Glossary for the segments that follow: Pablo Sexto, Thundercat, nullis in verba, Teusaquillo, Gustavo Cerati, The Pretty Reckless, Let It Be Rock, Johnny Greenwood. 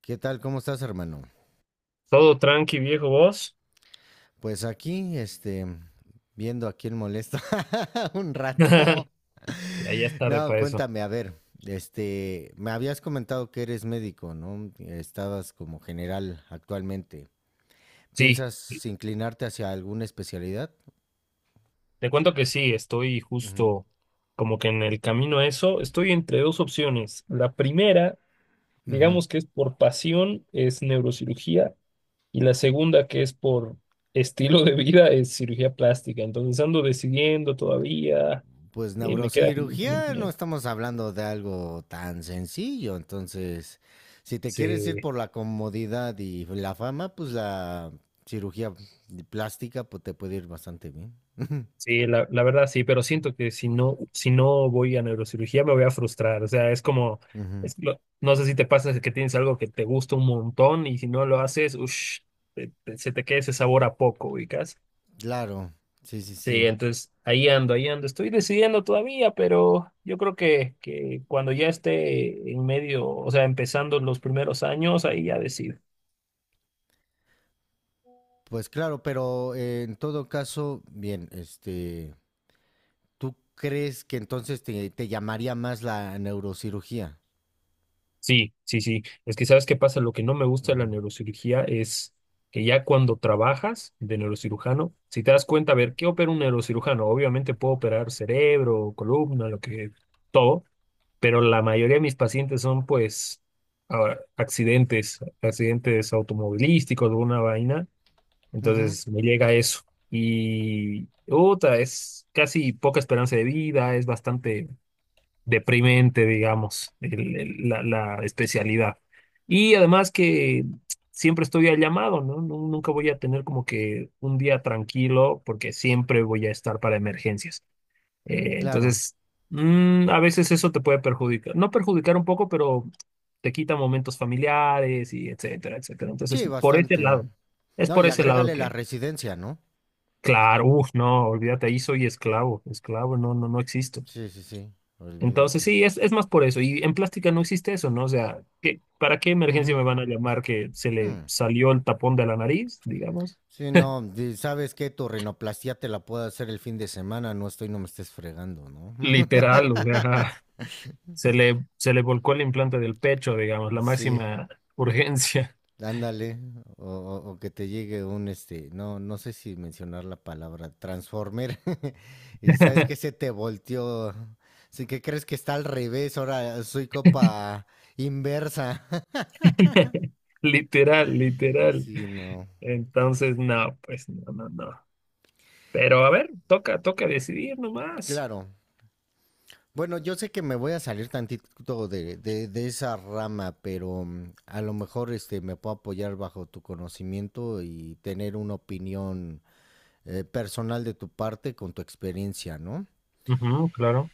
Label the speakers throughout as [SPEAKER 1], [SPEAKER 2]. [SPEAKER 1] ¿Qué tal? ¿Cómo estás, hermano?
[SPEAKER 2] Todo tranqui, viejo, vos.
[SPEAKER 1] Pues aquí, viendo a quién molesta un rato.
[SPEAKER 2] Ya es tarde
[SPEAKER 1] No,
[SPEAKER 2] para eso.
[SPEAKER 1] cuéntame, a ver, me habías comentado que eres médico, ¿no? Estabas como general actualmente.
[SPEAKER 2] Sí, sí.
[SPEAKER 1] ¿Piensas inclinarte hacia alguna especialidad?
[SPEAKER 2] Te cuento que sí, estoy
[SPEAKER 1] Ujú,
[SPEAKER 2] justo como que en el camino a eso. Estoy entre dos opciones. La primera,
[SPEAKER 1] ujú.
[SPEAKER 2] digamos que es por pasión, es neurocirugía. Y la segunda, que es por estilo de vida, es cirugía plástica. Entonces ando decidiendo todavía.
[SPEAKER 1] Pues
[SPEAKER 2] Me queda como...
[SPEAKER 1] neurocirugía no estamos hablando de algo tan sencillo, entonces si te quieres ir
[SPEAKER 2] Sí,
[SPEAKER 1] por la comodidad y la fama, pues la cirugía plástica pues te puede ir bastante bien.
[SPEAKER 2] sí, la verdad sí, pero siento que si no voy a neurocirugía me voy a frustrar. O sea, es como,
[SPEAKER 1] Ujú.
[SPEAKER 2] no sé si te pasa que tienes algo que te gusta un montón y si no lo haces, se te queda ese sabor a poco, ubicas.
[SPEAKER 1] Claro, sí, sí,
[SPEAKER 2] Sí,
[SPEAKER 1] sí.
[SPEAKER 2] entonces ahí ando, ahí ando. Estoy decidiendo todavía, pero yo creo que cuando ya esté en medio, o sea, empezando los primeros años, ahí ya decido.
[SPEAKER 1] Pues claro, pero en todo caso, bien, ¿tú crees que entonces te llamaría más la neurocirugía?
[SPEAKER 2] Sí, sí, sí. Es que sabes qué pasa, lo que no me gusta de la
[SPEAKER 1] Ujú.
[SPEAKER 2] neurocirugía es que ya cuando trabajas de neurocirujano, si te das cuenta, a ver, ¿qué opera un neurocirujano? Obviamente puedo operar cerebro, columna, lo que, todo, pero la mayoría de mis pacientes son pues accidentes, accidentes automovilísticos, alguna vaina.
[SPEAKER 1] Ujú,
[SPEAKER 2] Entonces me llega eso. Y, otra, es casi poca esperanza de vida, es bastante deprimente, digamos, la especialidad. Y además que siempre estoy al llamado, ¿no? Nunca voy a tener como que un día tranquilo porque siempre voy a estar para emergencias.
[SPEAKER 1] claro,
[SPEAKER 2] Entonces, a veces eso te puede perjudicar, no perjudicar un poco, pero te quita momentos familiares y etcétera, etcétera. Entonces,
[SPEAKER 1] sí,
[SPEAKER 2] por ese
[SPEAKER 1] bastante.
[SPEAKER 2] lado, es
[SPEAKER 1] No,
[SPEAKER 2] por
[SPEAKER 1] y
[SPEAKER 2] ese lado
[SPEAKER 1] agrégale la
[SPEAKER 2] que,
[SPEAKER 1] residencia, ¿no?
[SPEAKER 2] claro, uff, no, olvídate, ahí soy esclavo, esclavo, no, no, no existo.
[SPEAKER 1] Sí, sí, sí,
[SPEAKER 2] Entonces,
[SPEAKER 1] olvídate.
[SPEAKER 2] sí, es más por eso. Y en plástica no existe eso, ¿no? O sea, para qué emergencia
[SPEAKER 1] Ujú.
[SPEAKER 2] me van a llamar que se le
[SPEAKER 1] Hmm.
[SPEAKER 2] salió el tapón de la nariz, digamos?
[SPEAKER 1] Sí, no, di- sabes que tu rinoplastia te la puedo hacer el fin de semana, no estoy, no me estés fregando, ¿no?
[SPEAKER 2] Literal, o sea, se le volcó el implante del pecho, digamos, la
[SPEAKER 1] Sí,
[SPEAKER 2] máxima urgencia.
[SPEAKER 1] ándale, o que te llegue un, no, no sé si mencionar la palabra transformer, y sabes que se te volteó, sí que crees que está al revés, ahora soy copa inversa.
[SPEAKER 2] Literal, literal.
[SPEAKER 1] Sí, no,
[SPEAKER 2] Entonces, no, pues no, no, no. Pero a ver, toca, toca decidir nomás.
[SPEAKER 1] claro. Bueno, yo sé que me voy a salir tantito de esa rama, pero a lo mejor me puedo apoyar bajo tu conocimiento y tener una opinión personal de tu parte con tu experiencia, ¿no?
[SPEAKER 2] Ujú, claro.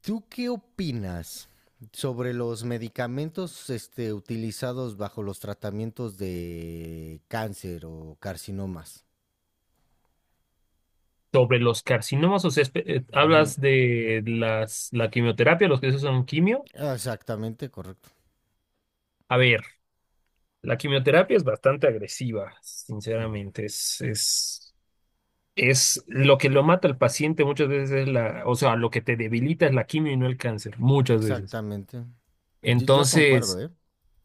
[SPEAKER 1] ¿Tú qué opinas sobre los medicamentos utilizados bajo los tratamientos de cáncer o carcinomas?
[SPEAKER 2] Sobre los carcinomas, o sea,
[SPEAKER 1] Ujú.
[SPEAKER 2] hablas de las, la quimioterapia, los que se usan quimio.
[SPEAKER 1] Exactamente, correcto.
[SPEAKER 2] A ver. La quimioterapia es bastante agresiva, sinceramente. Es lo que lo mata al paciente muchas veces es la, o sea, lo que te debilita es la quimio y no el cáncer, muchas veces.
[SPEAKER 1] Exactamente. Yo concuerdo,
[SPEAKER 2] Entonces,
[SPEAKER 1] ¿eh?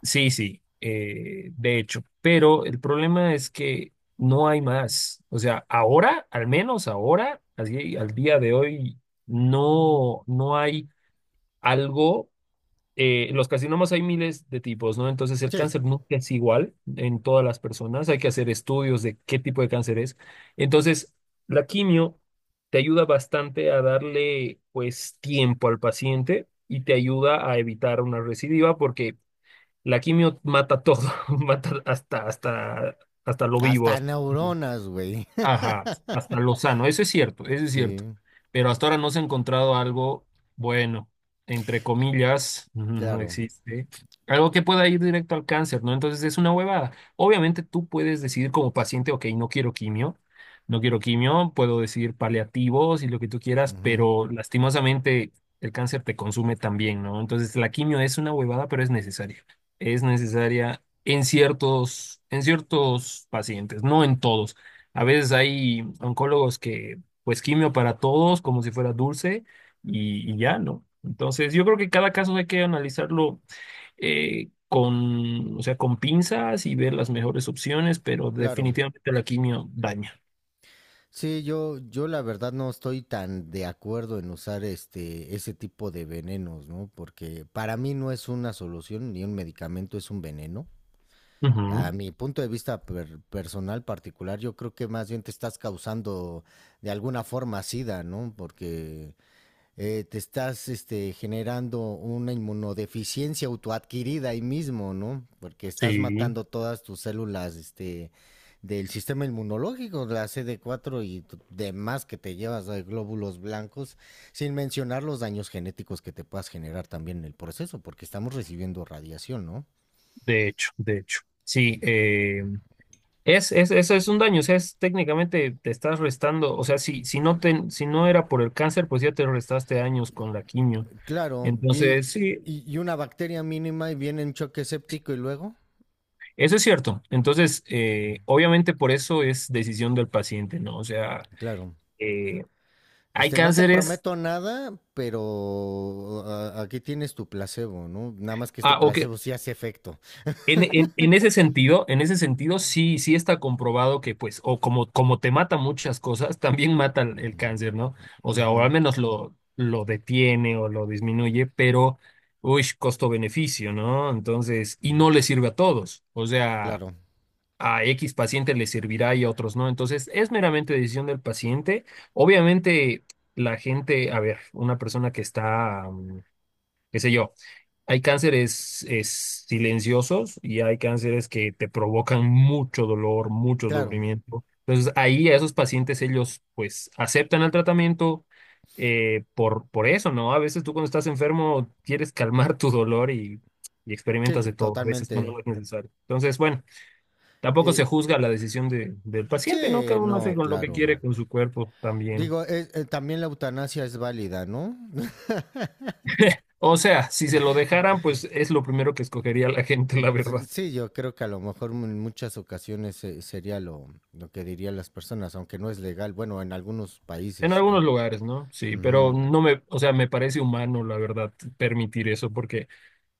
[SPEAKER 2] sí, sí, de hecho. Pero el problema es que no hay más. O sea, ahora, al menos ahora, así, al día de hoy, no, no hay algo los carcinomas hay miles de tipos, ¿no? Entonces el
[SPEAKER 1] Sí,
[SPEAKER 2] cáncer nunca es igual en todas las personas. Hay que hacer estudios de qué tipo de cáncer es. Entonces, la quimio te ayuda bastante a darle, pues, tiempo al paciente y te ayuda a evitar una recidiva porque la quimio mata todo, mata hasta lo vivo.
[SPEAKER 1] hasta neuronas, güey.
[SPEAKER 2] Ajá, hasta Lozano, eso es cierto, eso es cierto.
[SPEAKER 1] Sí,
[SPEAKER 2] Pero hasta ahora no se ha encontrado algo bueno, entre comillas, no
[SPEAKER 1] claro.
[SPEAKER 2] existe. Algo que pueda ir directo al cáncer, ¿no? Entonces es una huevada. Obviamente tú puedes decidir como paciente, ok, no quiero quimio, no quiero quimio, puedo decidir paliativos y lo que tú quieras,
[SPEAKER 1] Ujú,
[SPEAKER 2] pero lastimosamente el cáncer te consume también, ¿no? Entonces la quimio es una huevada, pero es necesaria. Es necesaria en ciertos pacientes, no en todos. A veces hay oncólogos que, pues, quimio para todos, como si fuera dulce, y ya, ¿no? Entonces, yo creo que cada caso hay que analizarlo con, o sea, con pinzas y ver las mejores opciones, pero
[SPEAKER 1] claro.
[SPEAKER 2] definitivamente la quimio daña.
[SPEAKER 1] Sí, yo la verdad no estoy tan de acuerdo en usar ese tipo de venenos, ¿no? Porque para mí no es una solución ni un medicamento, es un veneno. A
[SPEAKER 2] Ujú,
[SPEAKER 1] mi punto de vista per- personal particular, yo creo que más bien te estás causando de alguna forma sida, ¿no? Porque te estás generando una inmunodeficiencia autoadquirida ahí mismo, ¿no? Porque estás
[SPEAKER 2] sí,
[SPEAKER 1] matando todas tus células del sistema inmunológico, la CD4 y demás que te llevas de glóbulos blancos, sin mencionar los daños genéticos que te puedas generar también en el proceso, porque estamos recibiendo radiación, ¿no?
[SPEAKER 2] de hecho, de hecho. Sí, eso es un daño, o sea, es técnicamente te estás restando, o sea, si no te, si no era por el cáncer, pues ya te restaste años con la quimio.
[SPEAKER 1] Claro,
[SPEAKER 2] Entonces, sí,
[SPEAKER 1] y una bacteria mínima y viene en choque séptico y luego,
[SPEAKER 2] eso es cierto. Entonces, obviamente por eso es decisión del paciente, ¿no? O sea,
[SPEAKER 1] claro.
[SPEAKER 2] eh, hay
[SPEAKER 1] No te
[SPEAKER 2] cánceres,
[SPEAKER 1] prometo nada, pero a- aquí tienes tu placebo, ¿no? Nada más que este
[SPEAKER 2] ah, o que
[SPEAKER 1] placebo sí hace efecto.
[SPEAKER 2] en ese sentido, en ese sentido sí, sí está comprobado que pues, o como, como te mata muchas cosas, también mata el cáncer, ¿no? O sea, o al
[SPEAKER 1] Ujú,
[SPEAKER 2] menos lo detiene o lo disminuye, pero, uy, costo-beneficio, ¿no? Entonces, y
[SPEAKER 1] ujú.
[SPEAKER 2] no le sirve a todos. O sea,
[SPEAKER 1] Claro,
[SPEAKER 2] a X paciente le servirá y a otros no. Entonces, es meramente decisión del paciente. Obviamente, la gente, a ver, una persona que está, qué sé yo, hay cánceres es, silenciosos y hay cánceres que te provocan mucho dolor, mucho
[SPEAKER 1] claro.
[SPEAKER 2] sufrimiento. Entonces, ahí a esos pacientes ellos pues aceptan el tratamiento. Por eso, ¿no? A veces tú cuando estás enfermo quieres calmar tu dolor y experimentas
[SPEAKER 1] Sí,
[SPEAKER 2] de todo. A veces no
[SPEAKER 1] totalmente.
[SPEAKER 2] no es necesario. Entonces, bueno. Tampoco
[SPEAKER 1] Eh,
[SPEAKER 2] se juzga la decisión del paciente, ¿no?
[SPEAKER 1] sí,
[SPEAKER 2] Cada uno hace
[SPEAKER 1] no,
[SPEAKER 2] con lo que
[SPEAKER 1] claro.
[SPEAKER 2] quiere con su cuerpo también.
[SPEAKER 1] Digo, también la eutanasia es válida, ¿no?
[SPEAKER 2] O sea, si se lo dejaran, pues es lo primero que escogería la gente, la
[SPEAKER 1] Sí,
[SPEAKER 2] verdad.
[SPEAKER 1] sí, yo creo que a lo mejor en muchas ocasiones sería lo que dirían las personas, aunque no es legal, bueno, en algunos
[SPEAKER 2] En
[SPEAKER 1] países.
[SPEAKER 2] algunos
[SPEAKER 1] Al-
[SPEAKER 2] lugares, ¿no? Sí, pero
[SPEAKER 1] ujú,
[SPEAKER 2] no me, o sea, me parece humano, la verdad, permitir eso, porque,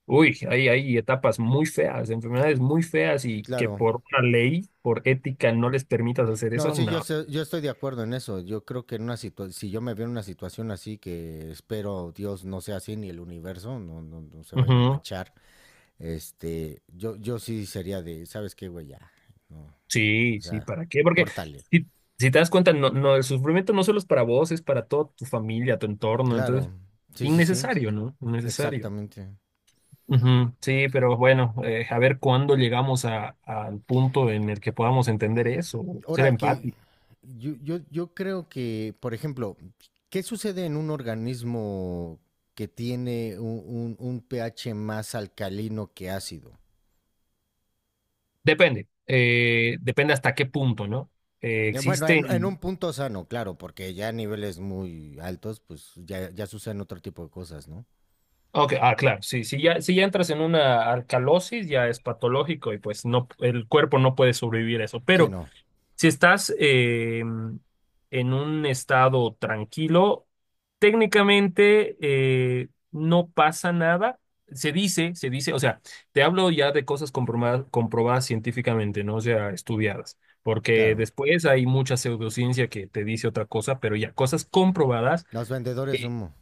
[SPEAKER 2] uy, hay etapas muy feas, enfermedades muy feas y que
[SPEAKER 1] claro.
[SPEAKER 2] por una ley, por ética, no les permitas hacer
[SPEAKER 1] No,
[SPEAKER 2] eso,
[SPEAKER 1] sí, yo,
[SPEAKER 2] no.
[SPEAKER 1] sé- yo estoy de acuerdo en eso. Yo creo que en una situa- si yo me veo en una situación así, que espero Dios no sea así, ni el universo, no, no, no se vayan a
[SPEAKER 2] Ujú.
[SPEAKER 1] manchar, yo, yo sí sería de, ¿sabes qué, güey? Ya, no, o
[SPEAKER 2] Sí, sí,
[SPEAKER 1] sea,
[SPEAKER 2] ¿para qué? Porque
[SPEAKER 1] córtale.
[SPEAKER 2] si, si te das cuenta, no, no, el sufrimiento no solo es para vos, es para toda tu familia, tu entorno,
[SPEAKER 1] Claro,
[SPEAKER 2] entonces,
[SPEAKER 1] sí, sí, sí,
[SPEAKER 2] innecesario, ¿no? Innecesario.
[SPEAKER 1] exactamente.
[SPEAKER 2] Ujú, sí, pero bueno, a ver cuándo llegamos a, al punto en el que podamos entender eso, ser
[SPEAKER 1] Ahora que
[SPEAKER 2] empáticos.
[SPEAKER 1] yo creo que, por ejemplo, ¿qué sucede en un organismo que tiene un pH más alcalino que ácido?
[SPEAKER 2] Depende, depende hasta qué punto, ¿no?
[SPEAKER 1] Bueno, en un
[SPEAKER 2] Existen...
[SPEAKER 1] punto sano, claro, porque ya a niveles muy altos, pues ya, ya suceden otro tipo de cosas, ¿no?
[SPEAKER 2] Ok, ah, claro, sí, si ya entras en una alcalosis, ya es patológico y pues no, el cuerpo no puede sobrevivir a eso,
[SPEAKER 1] Sí,
[SPEAKER 2] pero...
[SPEAKER 1] no,
[SPEAKER 2] Si estás en un estado tranquilo, técnicamente no pasa nada. Se dice, o sea, te hablo ya de cosas comprobadas, comprobadas científicamente, ¿no? O sea, estudiadas, porque
[SPEAKER 1] claro.
[SPEAKER 2] después hay mucha pseudociencia que te dice otra cosa, pero ya, cosas comprobadas,
[SPEAKER 1] Los vendedores de
[SPEAKER 2] eh,
[SPEAKER 1] humo,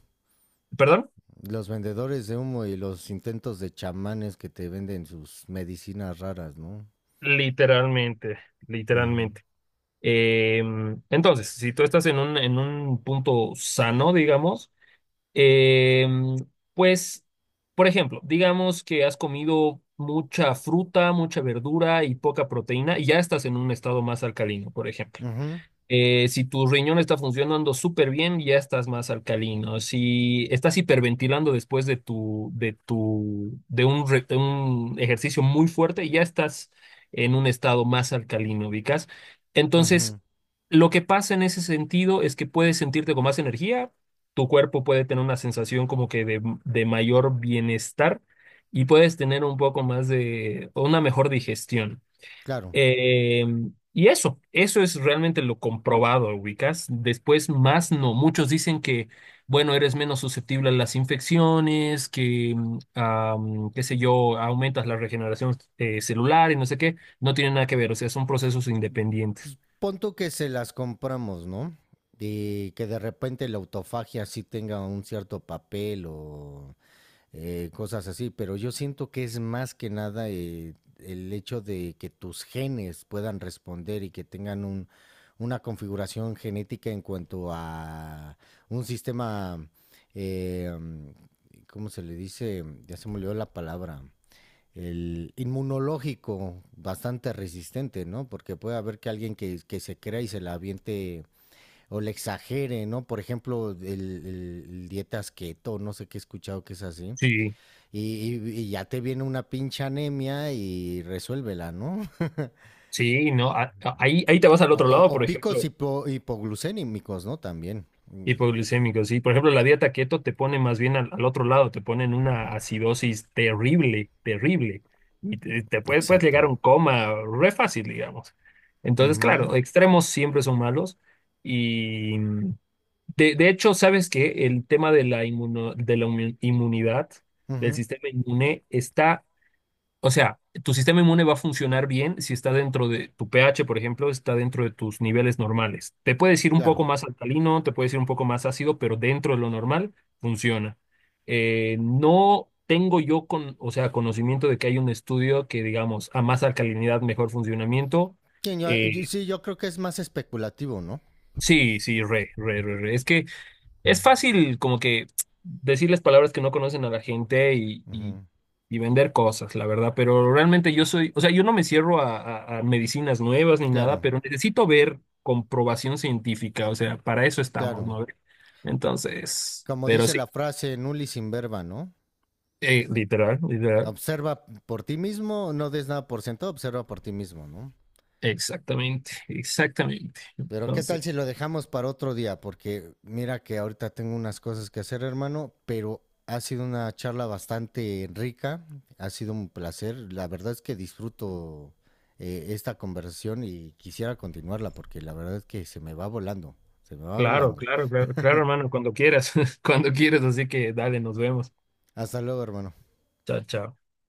[SPEAKER 2] perdón,
[SPEAKER 1] los vendedores de humo y los intentos de chamanes que te venden sus medicinas raras, ¿no?
[SPEAKER 2] literalmente,
[SPEAKER 1] Ujú.
[SPEAKER 2] literalmente. Entonces, si tú estás en un punto sano, digamos, Em, pues, por ejemplo, digamos que has comido mucha fruta, mucha verdura y poca proteína y ya estás en un estado más alcalino, por ejemplo.
[SPEAKER 1] Ujú,
[SPEAKER 2] Si tu riñón está funcionando súper bien, ya estás más alcalino. Si estás hiperventilando después de un, de un ejercicio muy fuerte, ya estás en un estado más alcalino, ¿ubicas? Entonces,
[SPEAKER 1] ujú,
[SPEAKER 2] lo que pasa en ese sentido es que puedes sentirte con más energía, tu cuerpo puede tener una sensación como que de mayor bienestar y puedes tener un poco más de, una mejor digestión.
[SPEAKER 1] claro.
[SPEAKER 2] Eh, y eso es realmente lo comprobado, ubicas. Después, más no. Muchos dicen que, bueno, eres menos susceptible a las infecciones, que, qué sé yo, aumentas la regeneración celular y no sé qué. No tiene nada que ver, o sea, son procesos independientes.
[SPEAKER 1] Punto que se las compramos, ¿no? Y que de repente la autofagia sí tenga un cierto papel o cosas así, pero yo siento que es más que nada el hecho de que tus genes puedan responder y que tengan un, una configuración genética en cuanto a un sistema, eh, ¿cómo se le dice? Ya se me olvidó la palabra. El inmunológico bastante resistente, ¿no? Porque puede haber que alguien que se crea y se la aviente o le exagere, ¿no? Por ejemplo, el dietas keto, no sé qué he escuchado que es así
[SPEAKER 2] Sí,
[SPEAKER 1] y, y ya te viene una pinche anemia y resuélvela, ¿no?
[SPEAKER 2] sí, ¿no? Ahí, ahí te vas al
[SPEAKER 1] O,
[SPEAKER 2] otro lado,
[SPEAKER 1] o
[SPEAKER 2] por
[SPEAKER 1] picos
[SPEAKER 2] ejemplo.
[SPEAKER 1] hipo- hipoglucémicos, ¿no? También. Mm,
[SPEAKER 2] Hipoglucémicos sí. Por ejemplo, la dieta keto te pone más bien al, al otro lado, te pone en una acidosis terrible, terrible. Y te, puedes
[SPEAKER 1] exacto.
[SPEAKER 2] llegar a un coma re fácil, digamos. Entonces,
[SPEAKER 1] Ujú,
[SPEAKER 2] claro, extremos siempre son malos. Y de hecho, ¿sabes que el tema de la, inmunidad, del
[SPEAKER 1] ujú,
[SPEAKER 2] sistema inmune, está o sea, tu sistema inmune va a funcionar bien si está dentro de tu pH, por ejemplo, está dentro de tus niveles normales. Te puedes ir un
[SPEAKER 1] claro.
[SPEAKER 2] poco más alcalino, te puedes ir un poco más ácido, pero dentro de lo normal funciona. No tengo yo con, o sea, conocimiento de que hay un estudio que, digamos, a más alcalinidad, mejor funcionamiento.
[SPEAKER 1] Sí
[SPEAKER 2] Eh,
[SPEAKER 1] sí, yo creo que es más especulativo, ¿no?
[SPEAKER 2] sí, sí, re, re, re, re. Es que es fácil como que decirles palabras que no conocen a la gente
[SPEAKER 1] Ujú,
[SPEAKER 2] y vender cosas, la verdad, pero realmente yo soy, o sea, yo no me cierro a, a medicinas nuevas ni
[SPEAKER 1] claro,
[SPEAKER 2] nada, pero necesito ver comprobación científica, o sea, para eso estamos,
[SPEAKER 1] claro.
[SPEAKER 2] ¿no? Entonces,
[SPEAKER 1] Como
[SPEAKER 2] pero
[SPEAKER 1] dice
[SPEAKER 2] sí,
[SPEAKER 1] la frase, nullis in verba, ¿no?
[SPEAKER 2] literal, literal,
[SPEAKER 1] Observa por ti mismo, no des nada por sentado, observa por ti mismo, ¿no?
[SPEAKER 2] exactamente, exactamente.
[SPEAKER 1] Pero qué
[SPEAKER 2] Entonces,
[SPEAKER 1] tal si lo dejamos para otro día, porque mira que ahorita tengo unas cosas que hacer, hermano, pero ha sido una charla bastante rica, ha sido un placer, la verdad es que disfruto esta conversación y quisiera continuarla, porque la verdad es que se me va volando, se me va
[SPEAKER 2] claro,
[SPEAKER 1] volando.
[SPEAKER 2] claro, claro, claro, hermano, cuando quieras, cuando quieras, así que dale, nos vemos.
[SPEAKER 1] Hasta luego, hermano.
[SPEAKER 2] Chao, chao.